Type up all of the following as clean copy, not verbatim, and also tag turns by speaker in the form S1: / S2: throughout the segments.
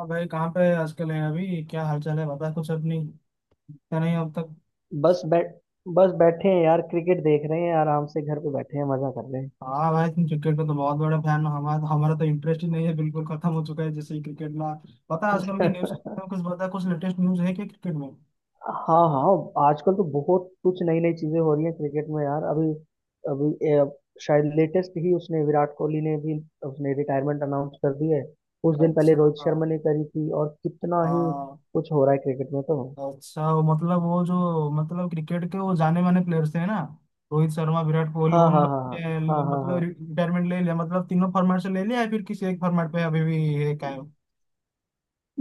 S1: हाँ भाई, कहाँ पे आजकल है? अभी क्या हालचाल है? बता कुछ अपनी। क्या, नहीं अब तक?
S2: बस बैठ बस बैठे हैं यार। क्रिकेट देख रहे हैं, आराम से घर पे बैठे हैं, मजा कर रहे
S1: हाँ भाई, तुम क्रिकेट का तो बहुत बड़ा फैन हो। हमारा हमारा तो इंटरेस्ट ही नहीं है, बिल्कुल खत्म हो चुका है जैसे ही क्रिकेट ना। पता है आजकल की
S2: हैं।
S1: न्यूज? कुछ बता, कुछ लेटेस्ट न्यूज है क्या क्रिकेट में?
S2: हाँ हाँ, आजकल तो बहुत कुछ नई नई चीजें हो रही हैं क्रिकेट में यार। अभी अभी शायद लेटेस्ट ही, उसने विराट कोहली ने भी उसने रिटायरमेंट अनाउंस कर दी है। कुछ दिन पहले
S1: अच्छा।
S2: रोहित शर्मा ने करी थी, और कितना ही
S1: हाँ।
S2: कुछ हो रहा है क्रिकेट में तो।
S1: अच्छा, वो मतलब वो जो मतलब क्रिकेट के वो जाने माने प्लेयर्स हैं ना, रोहित शर्मा, विराट कोहली,
S2: हाँ
S1: उन
S2: हाँ
S1: लोग
S2: हाँ हाँ,
S1: ने
S2: हाँ हाँ
S1: मतलब
S2: हाँ।
S1: रिटायरमेंट ले लिया, मतलब तीनों फॉर्मेट से ले लिया या फिर किसी एक फॉर्मेट पे अभी भी है कायम?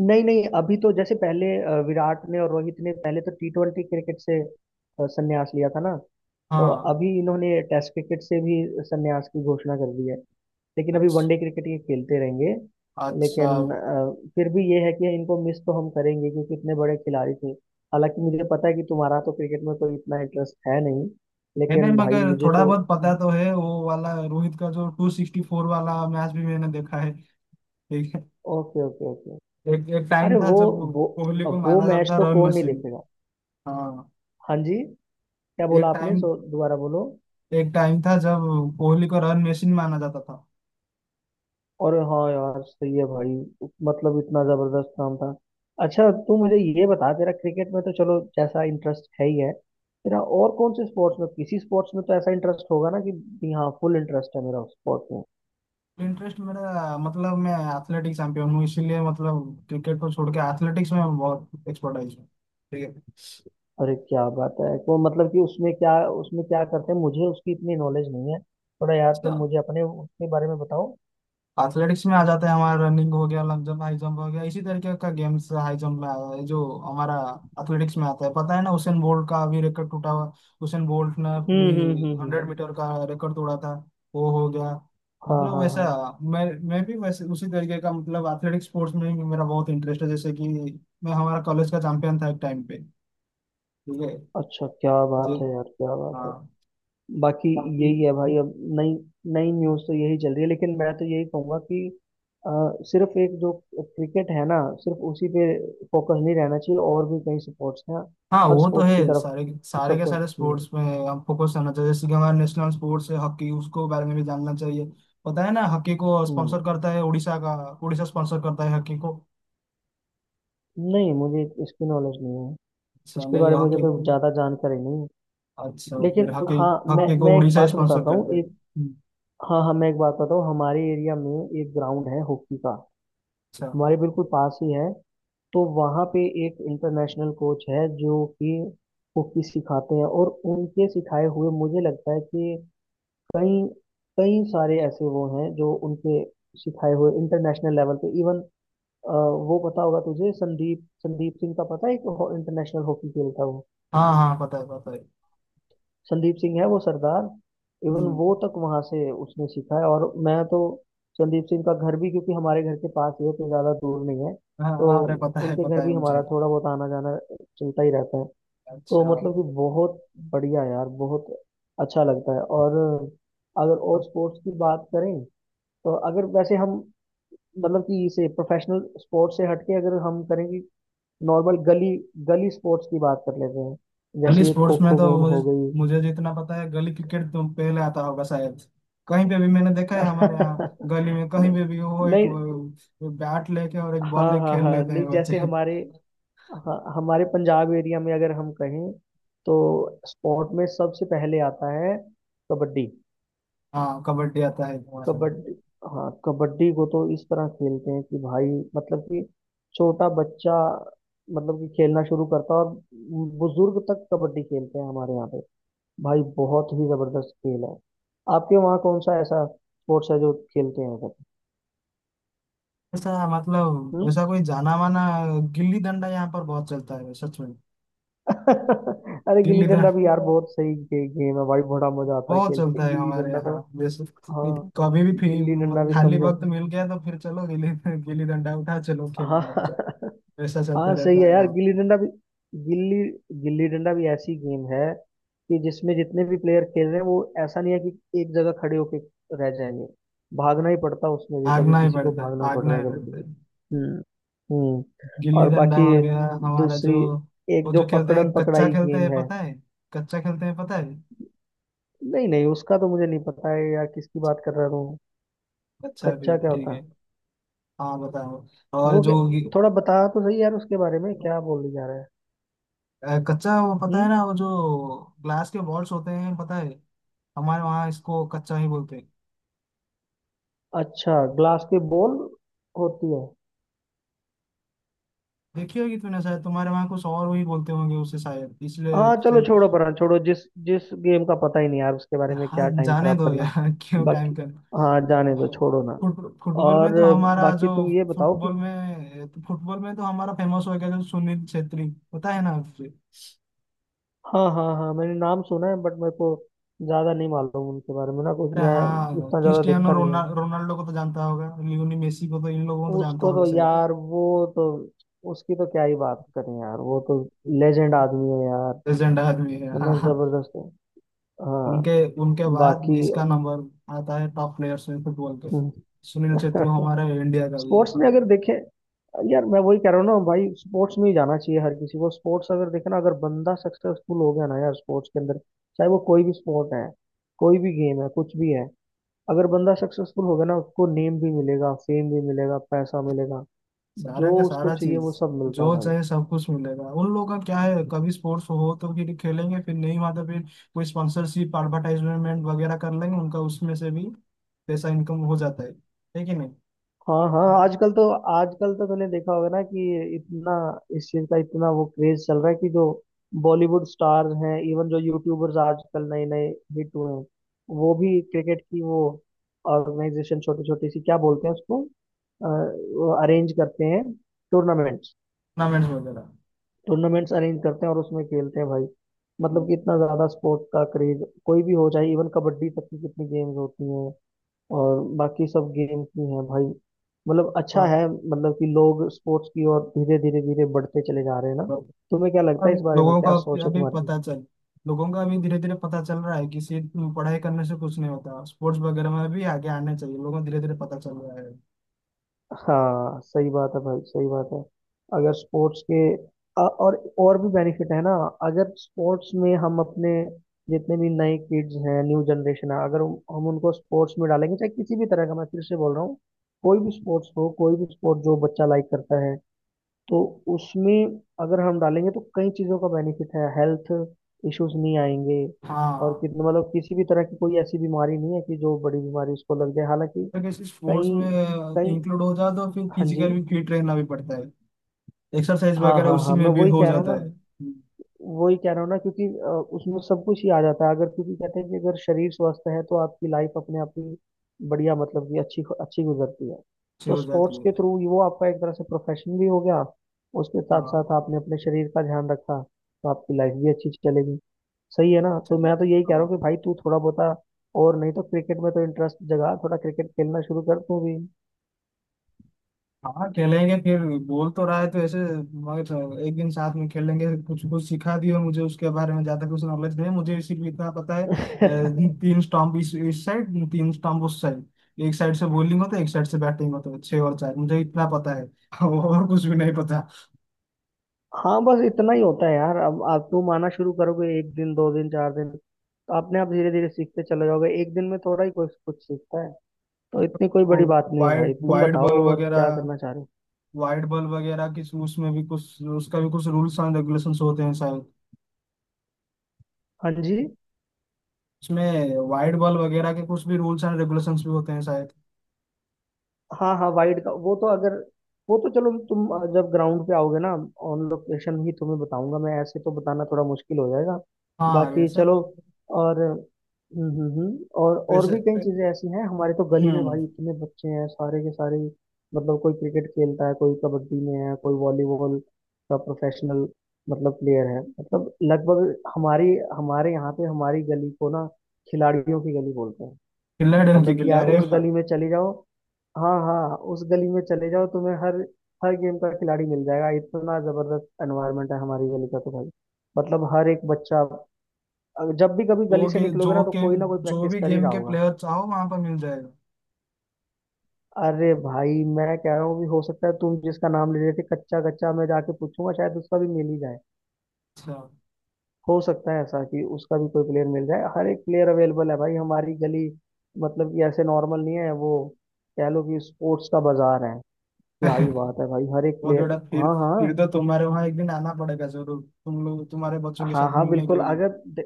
S2: नहीं नहीं, अभी तो जैसे पहले विराट ने और रोहित ने पहले तो T20 क्रिकेट से संन्यास लिया था ना। तो
S1: हाँ।
S2: अभी इन्होंने टेस्ट क्रिकेट से भी संन्यास की घोषणा कर दी है, लेकिन अभी
S1: अच्छा।
S2: वनडे क्रिकेट ये खेलते रहेंगे।
S1: अच्छा।
S2: लेकिन फिर भी ये है कि इनको मिस तो हम करेंगे, क्योंकि इतने बड़े खिलाड़ी थे। हालांकि मुझे पता है कि तुम्हारा तो क्रिकेट में कोई इतना इंटरेस्ट है नहीं,
S1: है नहीं,
S2: लेकिन भाई
S1: मगर
S2: मुझे
S1: थोड़ा
S2: तो।
S1: बहुत पता तो है। वो वाला रोहित का जो 264 वाला मैच भी मैंने देखा है। एक
S2: ओके ओके ओके।
S1: एक, एक टाइम
S2: अरे
S1: था जब
S2: वो
S1: कोहली को
S2: वो
S1: माना जाता
S2: मैच
S1: था
S2: तो
S1: रन
S2: कौन नहीं
S1: मशीन।
S2: देखेगा।
S1: हाँ।
S2: हाँ जी। क्या बोला
S1: एक
S2: आपने,
S1: टाइम
S2: सो दोबारा बोलो।
S1: एक टाइम था जब कोहली को रन मशीन माना जाता था।
S2: और हाँ यार, सही है भाई। मतलब इतना जबरदस्त नाम था। अच्छा तू मुझे ये बता, तेरा क्रिकेट में तो चलो जैसा इंटरेस्ट है ही है, तेरा और कौन से स्पोर्ट्स में, किसी स्पोर्ट्स में तो ऐसा इंटरेस्ट होगा ना कि भी, हाँ फुल इंटरेस्ट है मेरा स्पोर्ट में।
S1: इंटरेस्ट मेरा, मतलब मैं एथलेटिक्स चैंपियन हूँ, इसीलिए मतलब क्रिकेट को छोड़ के एथलेटिक्स में बहुत एक्सपर्टाइज हूँ। ठीक
S2: अरे क्या बात है। वो मतलब कि उसमें क्या, उसमें क्या करते हैं, मुझे उसकी इतनी नॉलेज नहीं है। थोड़ा यार तुम
S1: है।
S2: मुझे अपने उसके बारे में बताओ।
S1: एथलेटिक्स में आ जाता है हमारा, रनिंग हो गया, लॉन्ग जंप, हाई जंप हो गया, इसी तरीके का गेम्स। हाई जंप में आया है जो हमारा एथलेटिक्स में आता है। पता है ना, उसेन बोल्ट का अभी रिकॉर्ड टूटा हुआ। उसेन बोल्ट ने
S2: हम्म
S1: भी
S2: हम्म हम्म हम्म,
S1: हंड्रेड
S2: हम्म।
S1: मीटर का रिकॉर्ड तोड़ा था। वो हो गया,
S2: हाँ
S1: मतलब
S2: हाँ
S1: वैसा।
S2: हाँ।
S1: मैं भी वैसे उसी तरीके का, मतलब एथलेटिक स्पोर्ट्स में भी मेरा बहुत इंटरेस्ट है, जैसे कि मैं हमारा कॉलेज का चैंपियन था एक टाइम पे। ठीक है
S2: अच्छा क्या बात
S1: जी।
S2: है यार, क्या बात
S1: हाँ।
S2: है। बाकी यही है भाई अब। नई नई न्यूज़ तो यही चल रही है, लेकिन मैं तो यही कहूंगा कि अ, सिर्फ एक जो क्रिकेट है ना, सिर्फ उसी पे फोकस नहीं रहना चाहिए, और भी कई स्पोर्ट्स हैं।
S1: हाँ,
S2: हर
S1: वो तो
S2: स्पोर्ट
S1: है,
S2: की तरफ
S1: सारे सारे के
S2: सबको,
S1: सारे
S2: हम्म,
S1: स्पोर्ट्स में हम फोकस करना चाहिए। जैसे कि हमारा नेशनल स्पोर्ट्स है हॉकी, उसको बारे में भी जानना चाहिए। पता है ना, हॉकी को
S2: हम्म,
S1: स्पॉन्सर करता है उड़ीसा का। उड़ीसा स्पॉन्सर करता है हॉकी को।
S2: नहीं मुझे इसकी नॉलेज नहीं है।
S1: अच्छा,
S2: इसके
S1: नहीं
S2: बारे में मुझे
S1: हॉकी को।
S2: कोई ज़्यादा जानकारी नहीं है।
S1: अच्छा, फिर
S2: लेकिन
S1: हॉकी,
S2: हाँ, मैं
S1: हॉकी को
S2: मैं एक
S1: उड़ीसा
S2: बात
S1: स्पॉन्सर
S2: बताता हूँ।
S1: करता है।
S2: एक,
S1: हम्म।
S2: हाँ हाँ, मैं एक बात बताता हूँ। हमारे एरिया में एक ग्राउंड है हॉकी का,
S1: अच्छा।
S2: हमारे बिल्कुल पास ही है। तो वहाँ पे एक इंटरनेशनल कोच है जो कि कुकी सिखाते हैं, और उनके सिखाए हुए मुझे लगता है कि कई, कई सारे ऐसे वो हैं जो उनके सिखाए हुए इंटरनेशनल लेवल पे इवन। वो पता होगा तुझे, संदीप संदीप सिंह का पता है, एक इंटरनेशनल हॉकी खेलता है वो।
S1: हाँ हाँ, पता है पता है।
S2: संदीप सिंह है वो सरदार, इवन
S1: हम्म।
S2: वो तक वहाँ से उसने सीखा है। और मैं तो संदीप सिंह का घर भी, क्योंकि हमारे घर के पास ही है, तो ज़्यादा दूर नहीं है।
S1: हाँ
S2: तो
S1: हाँ, अरे
S2: उनके
S1: पता
S2: घर
S1: है
S2: भी
S1: मुझे।
S2: हमारा थोड़ा बहुत आना जाना चलता ही रहता है। तो
S1: अच्छा।
S2: मतलब कि बहुत बढ़िया यार, बहुत अच्छा लगता है। और अगर और स्पोर्ट्स की बात करें, तो अगर वैसे हम, मतलब कि इसे प्रोफेशनल स्पोर्ट्स से हटके अगर हम करेंगे, नॉर्मल गली, गली स्पोर्ट्स की बात कर लेते हैं।
S1: गली
S2: जैसे ये खो
S1: स्पोर्ट्स में
S2: खो
S1: तो
S2: गेम हो
S1: मुझे
S2: गई।
S1: मुझे जितना पता है, गली क्रिकेट तो पहले आता होगा शायद। कहीं पे भी मैंने देखा है, हमारे यहाँ गली में
S2: नहीं,
S1: कहीं पे भी वो एक
S2: नहीं,
S1: बैट लेके और एक बॉल
S2: हाँ
S1: लेके
S2: हाँ
S1: खेल
S2: हाँ।
S1: लेते
S2: नहीं
S1: हैं बच्चे।
S2: जैसे हमारे, हाँ, हमारे पंजाब एरिया में अगर हम कहें, तो स्पोर्ट में सबसे पहले आता है कबड्डी।
S1: हाँ, कबड्डी आता है हमारे यहाँ।
S2: कबड्डी, हाँ कबड्डी को तो इस तरह खेलते हैं कि भाई, मतलब कि छोटा बच्चा, मतलब कि खेलना शुरू करता है और बुजुर्ग तक कबड्डी खेलते हैं हमारे यहाँ पे भाई। बहुत ही जबरदस्त खेल है। आपके वहाँ कौन सा ऐसा स्पोर्ट्स है जो खेलते हैं सब?
S1: ऐसा, मतलब
S2: हम्म?
S1: ऐसा कोई जाना माना। गिल्ली डंडा यहाँ पर बहुत चलता है सच में।
S2: अरे गिल्ली
S1: गिल्ली डंडा
S2: डंडा भी यार बहुत सही गेम है भाई। बड़ा मजा आता है
S1: बहुत
S2: खेल
S1: चलता
S2: के
S1: है
S2: गिल्ली
S1: हमारे
S2: डंडा
S1: यहाँ।
S2: तो।
S1: जैसे
S2: हाँ,
S1: कभी भी
S2: गिल्ली डंडा भी
S1: खाली
S2: समझो।
S1: वक्त मिल गया तो फिर चलो गिल्ली, गिल्ली डंडा उठा, चलो
S2: हाँ।
S1: खेलने लग जाओ। ऐसा चलता
S2: हाँ सही
S1: रहता
S2: है
S1: है
S2: यार,
S1: यहाँ।
S2: गिल्ली डंडा भी, गिल्ली, गिल्ली डंडा भी ऐसी गेम है कि जिसमें जितने भी प्लेयर खेल रहे हैं, वो ऐसा नहीं है कि एक जगह खड़े होके रह जाएंगे। भागना ही पड़ता है उसमें भी, कभी
S1: भागना ही
S2: किसी को
S1: पड़ता है,
S2: भागना पड़ रहा
S1: भागना
S2: है,
S1: ही
S2: कभी
S1: पड़ता
S2: किसी
S1: है।
S2: को। हम्म, हम्म।
S1: गिल्ली
S2: और
S1: डंडा
S2: बाकी
S1: हो गया हमारा। जो
S2: दूसरी, एक
S1: वो
S2: जो
S1: जो खेलते
S2: पकड़न
S1: हैं कच्चा
S2: पकड़ाई
S1: खेलते
S2: गेम
S1: हैं
S2: है।
S1: पता है। कच्चा खेलते हैं पता है।
S2: नहीं नहीं, उसका तो मुझे नहीं पता है यार, किसकी बात कर रहा हूँ।
S1: कच्चा भी
S2: कच्चा क्या
S1: ठीक
S2: होता है?
S1: है। हाँ बताओ। और
S2: वो क्या- थोड़ा बता तो सही यार, उसके बारे में क्या बोलने जा रहा है।
S1: कच्चा, वो पता है
S2: हम्म।
S1: ना, वो जो ग्लास के बॉल्स होते हैं पता है। हमारे वहाँ इसको कच्चा ही बोलते हैं।
S2: अच्छा, ग्लास की बॉल होती है।
S1: देखी होगी तूने शायद, तुम्हारे वहाँ कुछ और वही बोलते होंगे उसे शायद इसलिए
S2: हाँ चलो
S1: से-
S2: छोड़ो, पर छोड़ो, जिस जिस गेम का पता ही नहीं यार, उसके बारे में
S1: हाँ
S2: क्या टाइम
S1: जाने
S2: खराब
S1: दो
S2: करना।
S1: यार, क्यों टाइम
S2: बाकी,
S1: का।
S2: हाँ जाने दो, छोड़ो ना।
S1: फुट फुटबॉल
S2: और
S1: में तो हमारा
S2: बाकी
S1: जो,
S2: तुम ये बताओ कि,
S1: फुटबॉल में तो हमारा फेमस हो गया जो सुनील छेत्री, पता है ना आपसे?
S2: हाँ हाँ हाँ मैंने नाम सुना है, बट मेरे को ज्यादा नहीं मालूम उनके बारे में ना कुछ
S1: अरे
S2: मैं।
S1: हाँ,
S2: इतना ज्यादा
S1: क्रिस्टियानो
S2: देखा नहीं है
S1: रोनाल्डो को तो जानता होगा, लियोनी मेसी को तो, इन लोगों को तो जानता
S2: उसको
S1: होगा
S2: तो
S1: शायद।
S2: यार। वो तो, उसकी तो क्या ही बात करें यार, वो तो लेजेंड आदमी है यार।
S1: लेजेंड आदमी है,
S2: है
S1: हाँ
S2: ना,
S1: हाँ।
S2: जबरदस्त है। हाँ।
S1: उनके उनके बाद
S2: बाकी
S1: इसका नंबर आता है टॉप प्लेयर्स में फुटबॉल के। सुनील छेत्री हमारे इंडिया का भी है,
S2: स्पोर्ट्स में
S1: हाँ।
S2: अगर देखें यार, मैं वही कह रहा हूँ ना भाई, स्पोर्ट्स में ही जाना चाहिए हर किसी को। स्पोर्ट्स अगर देखे ना, अगर बंदा सक्सेसफुल हो गया ना यार स्पोर्ट्स के अंदर, चाहे वो कोई भी स्पोर्ट है, कोई भी गेम है, कुछ भी है, अगर बंदा सक्सेसफुल हो गया ना, उसको नेम भी मिलेगा, फेम भी मिलेगा, पैसा मिलेगा।
S1: सारा
S2: जो
S1: का
S2: उसको
S1: सारा
S2: चाहिए वो
S1: चीज,
S2: सब मिलता है
S1: जो
S2: भाई।
S1: चाहे सब कुछ मिलेगा। उन लोगों का क्या है, कभी स्पोर्ट्स हो तो फिर खेलेंगे, फिर नहीं हुआ तो फिर कोई स्पॉन्सरशिप एडवर्टाइजमेंट वगैरह कर लेंगे, उनका उसमें से भी पैसा इनकम हो जाता है। है कि नहीं?
S2: हाँ हाँ,
S1: टूर्नामेंट्स
S2: आजकल तो, आजकल तो तूने देखा होगा ना कि इतना, इस चीज का इतना वो क्रेज चल रहा है कि जो बॉलीवुड स्टार हैं, इवन जो यूट्यूबर्स आजकल नए नए हिट हुए हैं, वो भी क्रिकेट की वो ऑर्गेनाइजेशन, छोटी छोटी सी क्या बोलते हैं उसको, अरेंज करते हैं टूर्नामेंट्स,
S1: वगैरह।
S2: टूर्नामेंट्स अरेंज करते हैं और उसमें खेलते हैं भाई। मतलब कि इतना ज्यादा स्पोर्ट का क्रेज, कोई भी हो, चाहे इवन कबड्डी तक की कितनी गेम्स होती हैं, और बाकी सब गेम की है भाई। मतलब
S1: तो,
S2: अच्छा है, मतलब कि लोग स्पोर्ट्स की ओर धीरे धीरे धीरे बढ़ते चले जा रहे हैं ना।
S1: तो
S2: तुम्हें क्या लगता
S1: अब
S2: है इस बारे में,
S1: लोगों का
S2: क्या
S1: अभी
S2: सोच है
S1: अभी
S2: तुम्हारी?
S1: पता चल, लोगों का अभी धीरे धीरे पता चल रहा है कि सिर्फ पढ़ाई करने से कुछ नहीं होता, स्पोर्ट्स वगैरह में भी आगे आना चाहिए, लोगों को धीरे धीरे पता चल रहा है।
S2: हाँ सही बात है भाई, सही बात है। अगर स्पोर्ट्स के और भी बेनिफिट है ना। अगर स्पोर्ट्स में हम अपने जितने भी नए किड्स हैं, न्यू जनरेशन है, अगर हम उनको स्पोर्ट्स में डालेंगे, चाहे किसी भी तरह का, मैं फिर से बोल रहा हूँ, कोई भी स्पोर्ट्स हो, कोई भी स्पोर्ट जो बच्चा लाइक करता है, तो उसमें अगर हम डालेंगे, तो कई चीज़ों का बेनिफिट है। हेल्थ इश्यूज नहीं आएंगे, और
S1: हाँ।
S2: कितना मतलब किसी भी तरह की कोई ऐसी बीमारी नहीं है कि जो बड़ी बीमारी उसको लग जाए। हालांकि
S1: अगर किसी
S2: कई,
S1: स्पोर्ट्स में
S2: कई,
S1: इंक्लूड हो जाए तो फिर
S2: हाँ जी,
S1: फिजिकल भी फिट रहना भी पड़ता है, एक्सरसाइज
S2: हाँ
S1: वगैरह
S2: हाँ
S1: उसी
S2: हाँ मैं
S1: में भी
S2: वही
S1: हो
S2: कह रहा हूँ
S1: जाता
S2: ना,
S1: है। हम्म।
S2: वही कह रहा हूँ ना क्योंकि उसमें सब कुछ ही आ जाता है अगर। क्योंकि कहते हैं कि अगर शरीर स्वस्थ है, तो आपकी लाइफ अपने आप ही बढ़िया, मतलब कि अच्छी अच्छी गुजरती है।
S1: अच्छी
S2: तो
S1: हो जाती
S2: स्पोर्ट्स के
S1: है।
S2: थ्रू वो आपका एक तरह से प्रोफेशन भी हो गया, उसके साथ साथ
S1: हाँ
S2: आपने अपने शरीर का ध्यान रखा, तो आपकी लाइफ भी अच्छी चलेगी। सही है ना? तो
S1: चलो।
S2: मैं तो यही कह रहा
S1: हाँ
S2: हूँ कि भाई, तू थोड़ा बहुत, और नहीं तो क्रिकेट में तो इंटरेस्ट जगा, थोड़ा क्रिकेट खेलना शुरू कर तू भी।
S1: हाँ, खेलेंगे फिर, बोल तो रहा है तो ऐसे। मगर एक दिन साथ में खेलेंगे, कुछ कुछ सिखा दियो मुझे, उसके बारे में ज्यादा कुछ नॉलेज नहीं है मुझे। सिर्फ इतना पता है, तीन स्टंप इस साइड, तीन स्टंप उस साइड, एक साइड से बॉलिंग होता है, एक साइड से बैटिंग होता है, छह और चार, मुझे इतना पता है। और कुछ भी नहीं पता।
S2: हाँ बस इतना ही होता है यार। अब आप, तुम आना शुरू करोगे एक दिन, दो दिन, चार दिन, तो अपने आप धीरे धीरे सीखते चले जाओगे। एक दिन में थोड़ा ही कुछ कुछ सीखता है, तो इतनी कोई
S1: तो
S2: बड़ी बात नहीं है भाई।
S1: वाइड
S2: तुम
S1: वाइड बॉल
S2: बताओ और क्या
S1: वगैरह,
S2: करना चाह रहे हो।
S1: वाइट बॉल वगैरह की उसमें भी कुछ, उसका भी कुछ रूल्स एंड रेगुलेशंस होते हैं शायद।
S2: हाँ जी।
S1: उसमें वाइट बॉल वगैरह के कुछ भी रूल्स एंड रेगुलेशंस भी होते हैं शायद।
S2: हाँ हाँ, वाइड का वो तो अगर, वो तो चलो तुम, जब ग्राउंड पे आओगे ना, ऑन लोकेशन ही तुम्हें बताऊंगा मैं। ऐसे तो बताना थोड़ा मुश्किल हो जाएगा।
S1: हाँ
S2: बाकी
S1: वैसे।
S2: चलो, और
S1: वैसे।
S2: भी कई चीजें ऐसी हैं। हमारे तो गली में
S1: हम्म।
S2: भाई इतने बच्चे हैं, सारे के सारे, मतलब कोई क्रिकेट खेलता है, कोई कबड्डी में है, कोई वॉलीबॉल का प्रोफेशनल, मतलब प्लेयर है। मतलब लगभग हमारी हमारे यहाँ पे हमारी गली को ना खिलाड़ियों की गली बोलते हैं।
S1: खिल्ला डर
S2: मतलब
S1: की
S2: कि
S1: खिल्ला,
S2: यार
S1: अरे
S2: उस
S1: वाह।
S2: गली में चले जाओ, हाँ हाँ उस गली में चले जाओ, तुम्हें हर, हर गेम का खिलाड़ी मिल जाएगा। इतना जबरदस्त एनवायरनमेंट है हमारी गली का तो भाई। मतलब हर एक बच्चा, जब भी कभी गली
S1: जो
S2: से
S1: के जो
S2: निकलोगे ना, तो
S1: के
S2: कोई ना कोई
S1: जो
S2: प्रैक्टिस
S1: भी
S2: कर ही
S1: गेम
S2: रहा
S1: के
S2: होगा।
S1: प्लेयर चाहो वहां पर मिल जाएगा।
S2: अरे भाई मैं कह रहा हूँ, भी हो सकता है तुम जिसका नाम ले रहे थे कच्चा, कच्चा मैं जाके पूछूंगा, शायद उसका भी मिल ही जाए।
S1: अच्छा।
S2: हो सकता है ऐसा कि उसका भी कोई प्लेयर मिल जाए। हर एक प्लेयर अवेलेबल है भाई हमारी गली, मतलब कि ऐसे नॉर्मल नहीं है वो। कह लो कि स्पोर्ट्स का बाजार है। क्या ही बात है भाई, हर एक
S1: बहुत
S2: प्लेयर।
S1: बड़ा फिर
S2: हाँ हाँ।
S1: फिर तो तुम्हारे वहां एक दिन आना पड़ेगा जरूर, तुम लोग तुम्हारे बच्चों के
S2: हाँ
S1: साथ
S2: हाँ
S1: मिलने के
S2: बिल्कुल,
S1: लिए।
S2: अगर दे-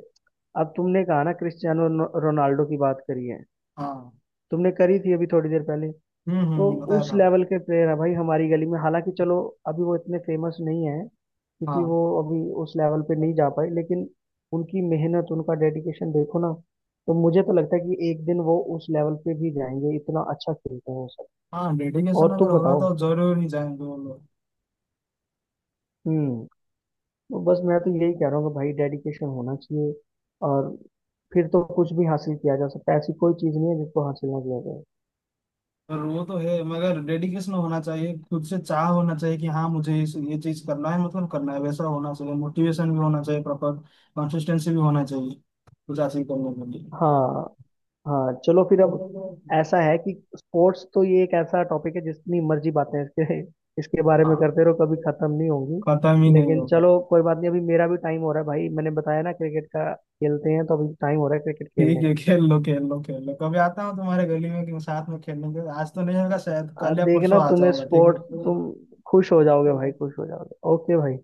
S2: अब तुमने कहा ना, रोनाल्डो की बात करी है
S1: हाँ।
S2: तुमने, करी थी अभी थोड़ी देर पहले। तो
S1: हम्म, बताया
S2: उस
S1: था।
S2: लेवल के प्लेयर है भाई हमारी गली में। हालांकि चलो अभी वो इतने फेमस नहीं है, क्योंकि
S1: हाँ
S2: वो अभी उस लेवल पे नहीं जा पाए, लेकिन उनकी मेहनत, उनका डेडिकेशन देखो ना, तो मुझे तो लगता है कि एक दिन वो उस लेवल पे भी जाएंगे। इतना अच्छा खेलते हैं वो सब।
S1: हाँ, डेडिकेशन
S2: और
S1: अगर
S2: तुम
S1: होगा
S2: बताओ।
S1: तो जरूर ही जाएंगे वो लोग।
S2: हम्म। तो बस मैं तो यही कह रहा हूँ कि भाई, डेडिकेशन होना चाहिए, और फिर तो कुछ भी हासिल किया जा सकता है। ऐसी कोई चीज़ नहीं है जिसको हासिल ना किया जाए।
S1: और वो तो है, मगर डेडिकेशन होना चाहिए, खुद से चाह होना चाहिए कि हाँ मुझे इस ये चीज करना है, मतलब करना है, वैसा होना चाहिए, मोटिवेशन भी होना चाहिए प्रॉपर, कंसिस्टेंसी भी होना चाहिए कुछ हासिल करने के लिए।
S2: हाँ हाँ, चलो फिर अब ऐसा है कि स्पोर्ट्स तो ये एक ऐसा टॉपिक है, जितनी मर्जी बातें इसके इसके बारे में
S1: हाँ।
S2: करते रहो, कभी खत्म नहीं होंगी।
S1: खत्म ही नहीं
S2: लेकिन
S1: होगा।
S2: चलो कोई बात नहीं, अभी मेरा भी टाइम हो रहा है भाई, मैंने बताया ना क्रिकेट का खेलते हैं, तो अभी टाइम हो रहा है क्रिकेट खेलने
S1: ठीक है,
S2: का।
S1: खेल लो खेल लो खेल लो, कभी आता हूँ तुम्हारे गली में कि साथ में खेलेंगे, आज तो नहीं होगा शायद,
S2: आ,
S1: कल या
S2: देखना
S1: परसों आ
S2: तुम्हें
S1: जाऊंगा। ठीक
S2: स्पोर्ट्स, तुम खुश हो जाओगे भाई,
S1: है।
S2: खुश हो जाओगे। ओके भाई।